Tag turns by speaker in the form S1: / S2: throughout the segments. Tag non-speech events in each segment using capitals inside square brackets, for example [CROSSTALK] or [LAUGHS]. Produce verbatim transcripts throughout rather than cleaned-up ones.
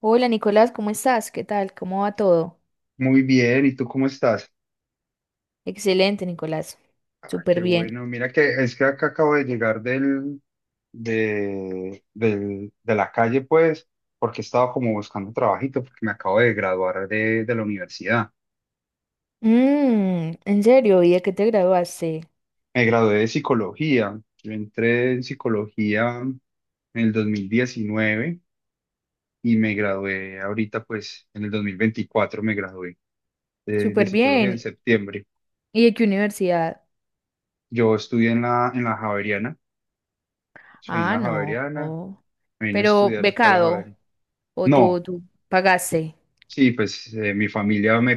S1: Hola Nicolás, ¿cómo estás? ¿Qué tal? ¿Cómo va todo?
S2: Muy bien, ¿y tú cómo estás?
S1: Excelente, Nicolás.
S2: Ah,
S1: Súper
S2: qué
S1: bien.
S2: bueno, mira que es que acá acabo de llegar del, de, del- de la calle, pues, porque estaba como buscando trabajito, porque me acabo de graduar de, de la universidad.
S1: Mm, ¿en serio? ¿Y de qué te graduaste?
S2: Me gradué de psicología. Yo entré en psicología en el dos mil diecinueve y me gradué ahorita, pues, en el dos mil veinticuatro me gradué de, de
S1: Súper
S2: psicología en
S1: bien.
S2: septiembre.
S1: ¿Y de qué universidad?
S2: Yo estudié en la, en la Javeriana, soy en
S1: Ah,
S2: la
S1: no.
S2: Javeriana, me vine a
S1: Pero
S2: estudiar acá a la
S1: becado
S2: Javeriana.
S1: o tú,
S2: No,
S1: tú pagaste,
S2: sí, pues eh, mi familia me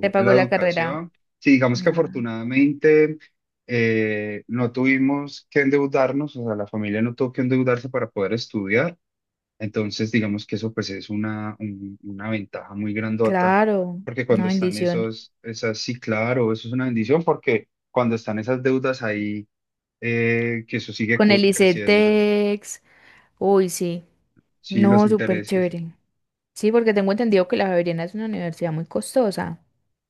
S1: te pagó
S2: la
S1: la carrera.
S2: educación. Sí, digamos que
S1: Ah,
S2: afortunadamente eh, no tuvimos que endeudarnos, o sea, la familia no tuvo que endeudarse para poder estudiar. Entonces, digamos que eso pues es una, un- una ventaja muy grandota,
S1: claro,
S2: porque
S1: una
S2: cuando están
S1: bendición.
S2: esos, esas, sí, claro, eso es una bendición, porque cuando están esas deudas ahí, eh, que eso sigue
S1: Con el
S2: cu- creciendo,
S1: ICETEX. Uy, sí.
S2: sí, los
S1: No, súper
S2: intereses.
S1: chévere. Sí, porque tengo entendido que la Javeriana es una universidad muy costosa.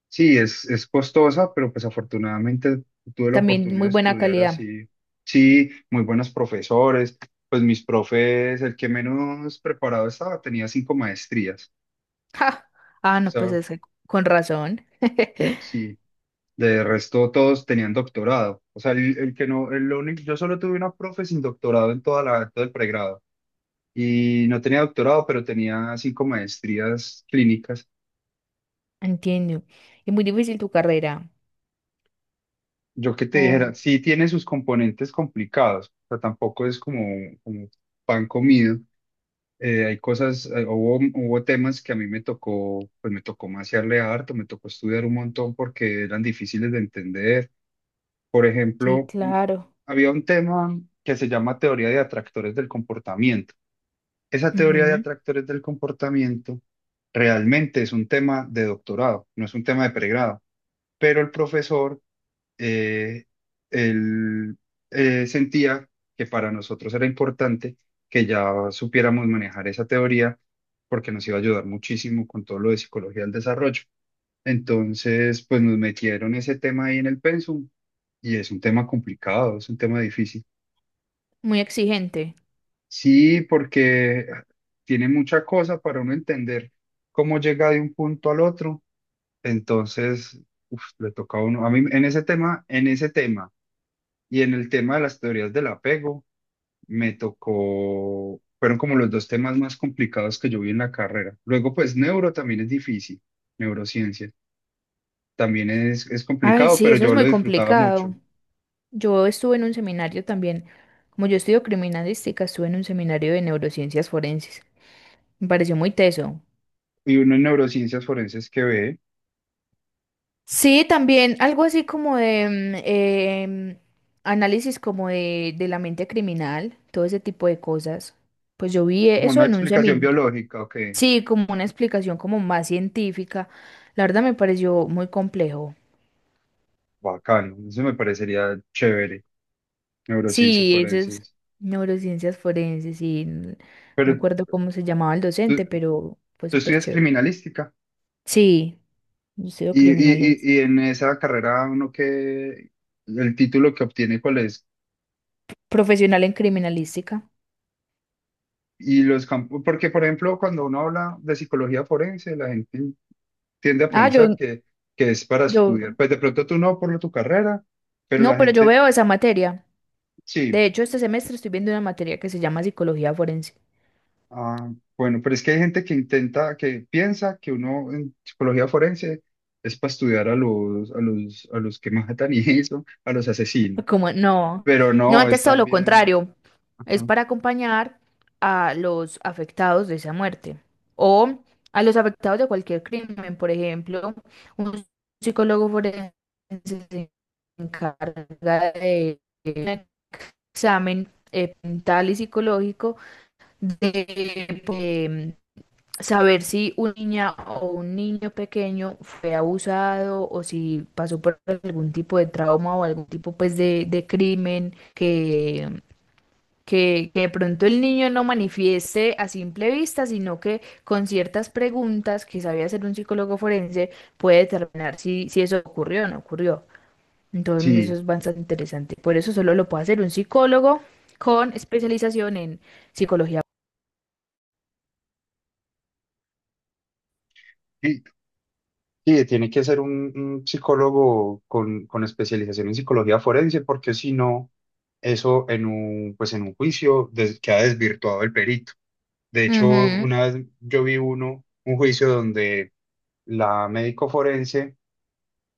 S2: Sí, es, es costosa, pero pues afortunadamente tuve la
S1: También
S2: oportunidad
S1: muy
S2: de
S1: buena
S2: estudiar
S1: calidad.
S2: así. Sí, muy buenos profesores. Pues mis profes, el que menos preparado estaba, tenía cinco maestrías.
S1: Ja. Ah,
S2: O
S1: no, pues
S2: sea,
S1: es que con razón. [LAUGHS]
S2: sí, de resto todos tenían doctorado. O sea, el, el que no, el único, yo solo tuve una profe sin doctorado en toda la, todo el pregrado. Y no tenía doctorado, pero tenía cinco maestrías clínicas.
S1: Entiendo. Es muy difícil tu carrera.
S2: Yo que te dijera,
S1: Oh,
S2: sí tiene sus componentes complicados, o sea, tampoco es como, como pan comido. Eh, hay cosas, eh, hubo, hubo temas que a mí me tocó, pues me tocó maciarle harto, me tocó estudiar un montón porque eran difíciles de entender. Por
S1: sí,
S2: ejemplo, un-
S1: claro.
S2: había un tema que se llama teoría de atractores del comportamiento. Esa teoría de
S1: Ujú.
S2: atractores del comportamiento realmente es un tema de doctorado, no es un tema de pregrado, pero el profesor eh, él eh, sentía que para nosotros era importante que ya supiéramos manejar esa teoría porque nos iba a ayudar muchísimo con todo lo de psicología del desarrollo. Entonces, pues nos metieron ese tema ahí en el pensum y es un tema complicado, es un tema difícil.
S1: Muy exigente.
S2: Sí, porque tiene mucha cosa para uno entender cómo llega de un punto al otro. Entonces, uf, le toca a uno, a mí en ese tema, en ese tema. Y en el tema de las teorías del apego, me tocó, fueron como los dos temas más complicados que yo vi en la carrera. Luego, pues neuro también es difícil, neurociencia también es, es
S1: Ay,
S2: complicado,
S1: sí,
S2: pero
S1: eso es
S2: yo lo
S1: muy
S2: disfrutaba mucho.
S1: complicado. Yo estuve en un seminario también. Como yo estudio criminalística, estuve en un seminario de neurociencias forenses. Me pareció muy teso.
S2: Y uno en neurociencias forenses que ve
S1: Sí, también algo así como de mm, em, análisis como de, de la mente criminal, todo ese tipo de cosas. Pues yo vi
S2: como
S1: eso
S2: una
S1: en un
S2: explicación
S1: seminario.
S2: biológica, ok,
S1: Sí, como una explicación como más científica. La verdad me pareció muy complejo.
S2: bacano, eso me parecería chévere, neurociencias
S1: Sí, esas
S2: forenses.
S1: neurociencias forenses y no me
S2: Pero
S1: acuerdo cómo se llamaba el
S2: tú,
S1: docente, pero fue
S2: tú
S1: súper
S2: estudias
S1: chévere.
S2: criminalística
S1: Sí, yo soy
S2: y, y, y y
S1: criminalista.
S2: en esa carrera uno que, el título que obtiene, ¿cuál es?
S1: Profesional en criminalística.
S2: Y los campos, porque por ejemplo, cuando uno habla de psicología forense, la gente tiende a
S1: Ah,
S2: pensar
S1: yo,
S2: que, que es para
S1: yo,
S2: estudiar. Pues de pronto tú no por tu carrera, pero
S1: no,
S2: la
S1: pero yo
S2: gente
S1: veo esa materia. De
S2: sí.
S1: hecho, este semestre estoy viendo una materia que se llama psicología forense.
S2: Ah, bueno, pero es que hay gente que intenta, que piensa que uno en psicología forense es para estudiar a los, a los, a los que matan y eso, a los asesinos.
S1: Como, no,
S2: Pero
S1: no,
S2: no, es
S1: antes todo lo
S2: también,
S1: contrario. Es
S2: ajá,
S1: para acompañar a los afectados de esa muerte o a los afectados de cualquier crimen. Por ejemplo, un psicólogo forense se encarga de un examen eh, mental y psicológico de eh, saber si una niña o un niño pequeño fue abusado o si pasó por algún tipo de trauma o algún tipo pues de, de crimen que que, que de pronto el niño no manifieste a simple vista, sino que con ciertas preguntas que sabía hacer un psicólogo forense puede determinar si, si eso ocurrió o no ocurrió. Entonces eso
S2: sí.
S1: es bastante interesante. Por eso solo lo puede hacer un psicólogo con especialización en psicología.
S2: Sí, tiene que ser un, un psicólogo con, con especialización en psicología forense, porque si no, eso en un, pues en un juicio des- queda desvirtuado el perito. De hecho,
S1: Ujú.
S2: una vez yo vi uno, un juicio donde la médico forense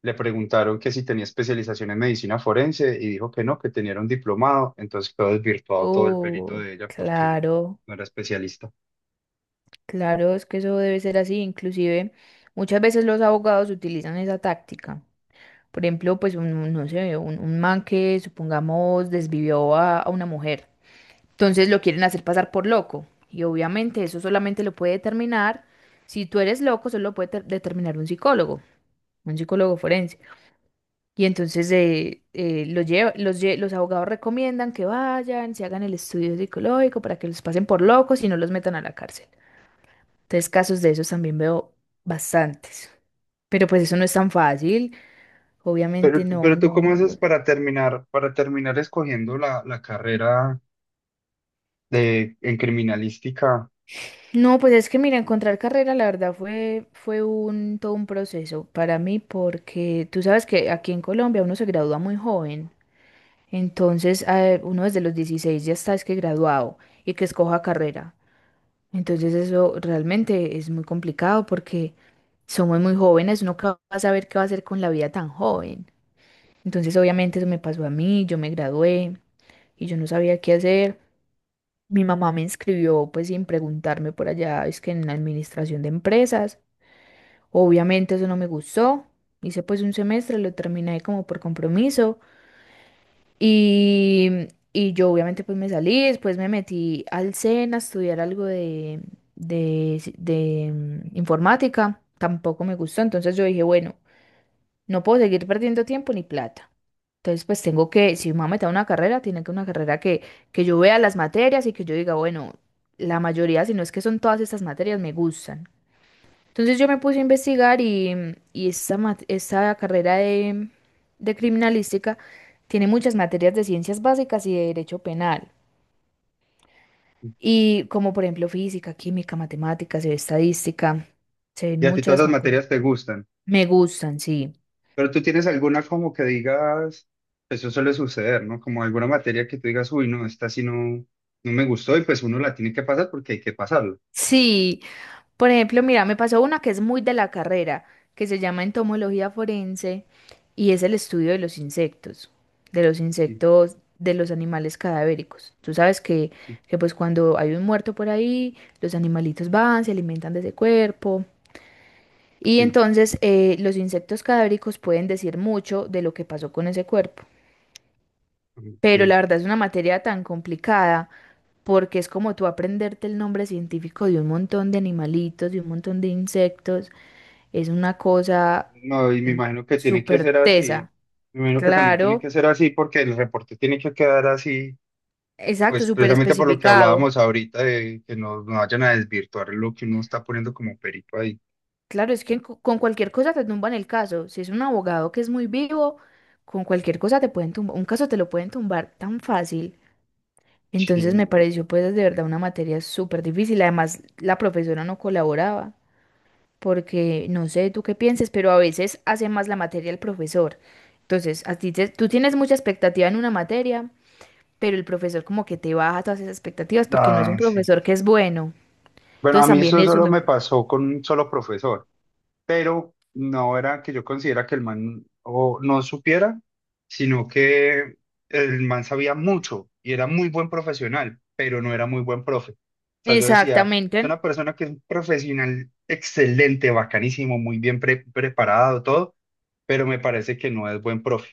S2: le preguntaron que si tenía especialización en medicina forense y dijo que no, que tenía era un diplomado, entonces quedó desvirtuado todo el perito
S1: Oh,
S2: de ella porque
S1: claro,
S2: no era especialista.
S1: claro, es que eso debe ser así. Inclusive muchas veces los abogados utilizan esa táctica. Por ejemplo, pues un, no sé, un, un man que supongamos desvivió a, a una mujer. Entonces lo quieren hacer pasar por loco. Y obviamente eso solamente lo puede determinar, si tú eres loco, solo lo puede ter- determinar un psicólogo, un psicólogo forense. Y entonces eh, eh, lo lleva- los, lle- los abogados recomiendan que vayan, se hagan el estudio psicológico para que los pasen por locos y no los metan a la cárcel. Entonces casos de esos también veo bastantes. Pero pues eso no es tan fácil. Obviamente
S2: Pero,
S1: no,
S2: pero tú,
S1: no,
S2: ¿cómo haces
S1: no.
S2: para terminar, para terminar, escogiendo la, la carrera? De, en criminalística.
S1: No, pues es que mira, encontrar carrera la verdad fue, fue un, todo un proceso para mí porque tú sabes que aquí en Colombia uno se gradúa muy joven, entonces eh, uno desde los dieciséis ya está es que graduado y que escoja carrera. Entonces eso realmente es muy complicado porque somos muy jóvenes, uno que va a saber qué va a hacer con la vida tan joven. Entonces obviamente eso me pasó a mí, yo me gradué y yo no sabía qué hacer. Mi mamá me inscribió pues sin preguntarme por allá, es que en la administración de empresas. Obviamente eso no me gustó. Hice pues un semestre, lo terminé como por compromiso y, y yo obviamente pues me salí, después me metí al SENA a estudiar algo de, de, de, mm, informática. Tampoco me gustó, entonces yo dije, bueno, no puedo seguir perdiendo tiempo ni plata. Entonces, pues tengo que, si me voy a meter a una carrera, tiene que una carrera que, que yo vea las materias y que yo diga, bueno, la mayoría, si no es que son todas estas materias, me gustan. Entonces yo me puse a investigar y, mm, y esta, mat- esta carrera de, de criminalística tiene muchas materias de ciencias básicas y de derecho penal. Y como por ejemplo física, química, matemáticas, estadística, se ven
S2: Y a ti todas
S1: muchas
S2: las
S1: materias.
S2: materias te gustan,
S1: Me gustan, sí.
S2: pero tú tienes alguna como que digas, eso suele suceder, ¿no? Como alguna materia que tú digas, uy, no, esta sí no, no me gustó y pues uno la tiene que pasar porque hay que pasarlo.
S1: Sí, por ejemplo, mira, me pasó una que es muy de la carrera, que se llama entomología forense y es el estudio de los insectos, de los
S2: Sí,
S1: insectos, de los animales cadavéricos. Tú sabes que,
S2: sí,
S1: que pues cuando hay un muerto por ahí, los animalitos van, se alimentan de ese cuerpo. Y
S2: sí.
S1: entonces eh, los insectos cadavéricos pueden decir mucho de lo que pasó con ese cuerpo. Pero
S2: Ok.
S1: la verdad es una materia tan complicada porque es como tú aprenderte el nombre científico de un montón de animalitos, de un montón de insectos. Es una cosa
S2: No, y me
S1: mm,
S2: imagino que tiene que
S1: súper
S2: ser así.
S1: tesa.
S2: Me imagino que también tiene
S1: Claro,
S2: que ser así porque el reporte tiene que quedar así,
S1: exacto,
S2: pues
S1: súper
S2: precisamente por lo que
S1: especificado.
S2: hablábamos ahorita de que no, no vayan a desvirtuar lo que uno está poniendo como perito ahí.
S1: Claro, es que co- con cualquier cosa te tumban el caso. Si es un abogado que es muy vivo, con cualquier cosa te pueden tumbar. Un caso te lo pueden tumbar tan fácil. Entonces me
S2: Sí.
S1: pareció pues de verdad una materia súper difícil. Además, la profesora no colaboraba porque no sé tú qué pienses, pero a veces hace más la materia el profesor. Entonces, a ti te- tú tienes mucha expectativa en una materia pero el profesor como que te baja todas esas expectativas porque no es un
S2: Ah, sí.
S1: profesor que es bueno.
S2: Bueno, a
S1: Entonces
S2: mí
S1: también
S2: eso
S1: eso
S2: solo
S1: me...
S2: me pasó con un solo profesor, pero no era que yo considera que el man o no supiera, sino que el man sabía mucho y era muy buen profesional, pero no era muy buen profe. O sea, yo decía, es
S1: Exactamente,
S2: una persona que es un profesional excelente, bacanísimo, muy bien pre- preparado, todo, pero me parece que no es buen profe.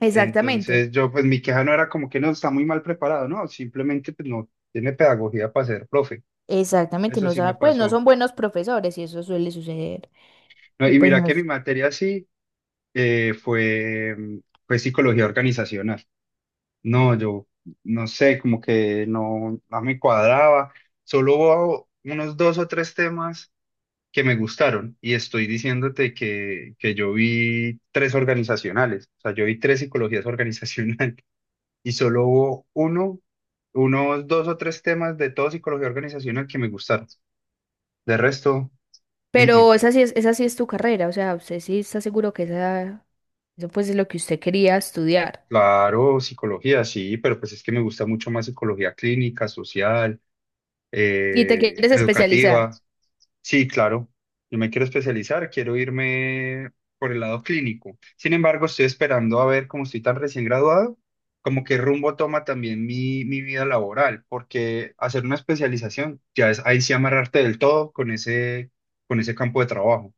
S1: exactamente,
S2: Entonces yo, pues mi queja no era como que no está muy mal preparado, no, simplemente pues no tiene pedagogía para ser profe.
S1: exactamente,
S2: Eso
S1: no
S2: sí me
S1: sabe, pues no
S2: pasó.
S1: son buenos profesores y eso suele suceder.
S2: No,
S1: Y
S2: y
S1: pues
S2: mira
S1: no
S2: que mi
S1: es...
S2: materia sí eh, fue, mm, fue psicología organizacional. No, yo no sé, como que no, no me cuadraba. Solo hubo unos dos o tres temas que me gustaron y estoy diciéndote que, que yo vi tres organizacionales, o sea, yo vi tres psicologías organizacionales [LAUGHS] y solo hubo uno, unos dos o tres temas de todo psicología organizacional que me gustaron. De resto, mm, mm.
S1: Pero esa sí es, esa sí es tu carrera, o sea, usted sí está seguro que esa, eso pues es lo que usted quería estudiar
S2: Claro, psicología, sí, pero pues es que me gusta mucho más psicología clínica, social,
S1: y te
S2: eh,
S1: quieres
S2: educativa.
S1: especializar,
S2: Sí, claro, yo me quiero especializar, quiero irme por el lado clínico. Sin embargo, estoy esperando a ver cómo estoy tan recién graduado, como qué rumbo toma también mi, mi vida laboral, porque hacer una especialización ya es ahí sí amarrarte del todo con ese, con ese campo de trabajo,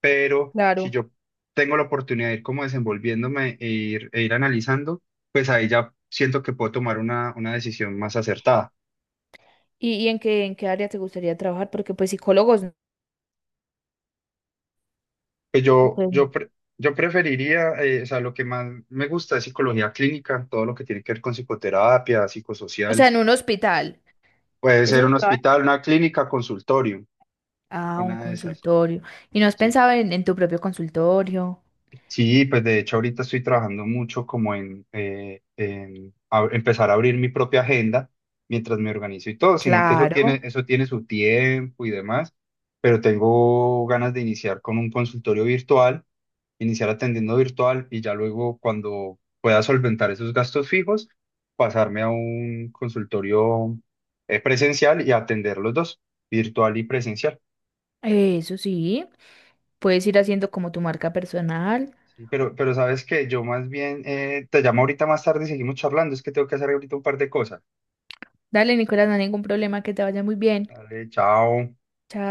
S2: pero si
S1: claro.
S2: yo tengo la oportunidad de ir como desenvolviéndome e ir, e ir, analizando, pues ahí ya siento que puedo tomar una, una decisión más acertada.
S1: ¿Y, y en qué, en qué área te gustaría trabajar? Porque pues psicólogos,
S2: Pues yo,
S1: pues,
S2: yo, pre- yo preferiría, eh, o sea, lo que más me gusta es psicología clínica, todo lo que tiene que ver con psicoterapia,
S1: o
S2: psicosocial,
S1: sea, en un hospital,
S2: puede
S1: eso
S2: ser
S1: lo
S2: un
S1: trabajan.
S2: hospital, una clínica, consultorio,
S1: Ah, un
S2: una de esas.
S1: consultorio. ¿Y no has
S2: Sí.
S1: pensado en, en tu propio consultorio?
S2: Sí, pues de hecho ahorita estoy trabajando mucho como en, eh, en a- empezar a abrir mi propia agenda mientras me organizo y todo, sino que eso tiene,
S1: Claro.
S2: eso tiene su tiempo y demás, pero tengo ganas de iniciar con un consultorio virtual, iniciar atendiendo virtual y ya luego cuando pueda solventar esos gastos fijos, pasarme a un consultorio eh, presencial y atender los dos, virtual y presencial.
S1: Eso sí, puedes ir haciendo como tu marca personal.
S2: Sí, pero, pero sabes que yo más bien eh, te llamo ahorita más tarde y seguimos charlando. Es que tengo que hacer ahorita un par de cosas.
S1: Dale, Nicolás, no hay ningún problema, que te vaya muy bien.
S2: Dale, chao.
S1: Chao.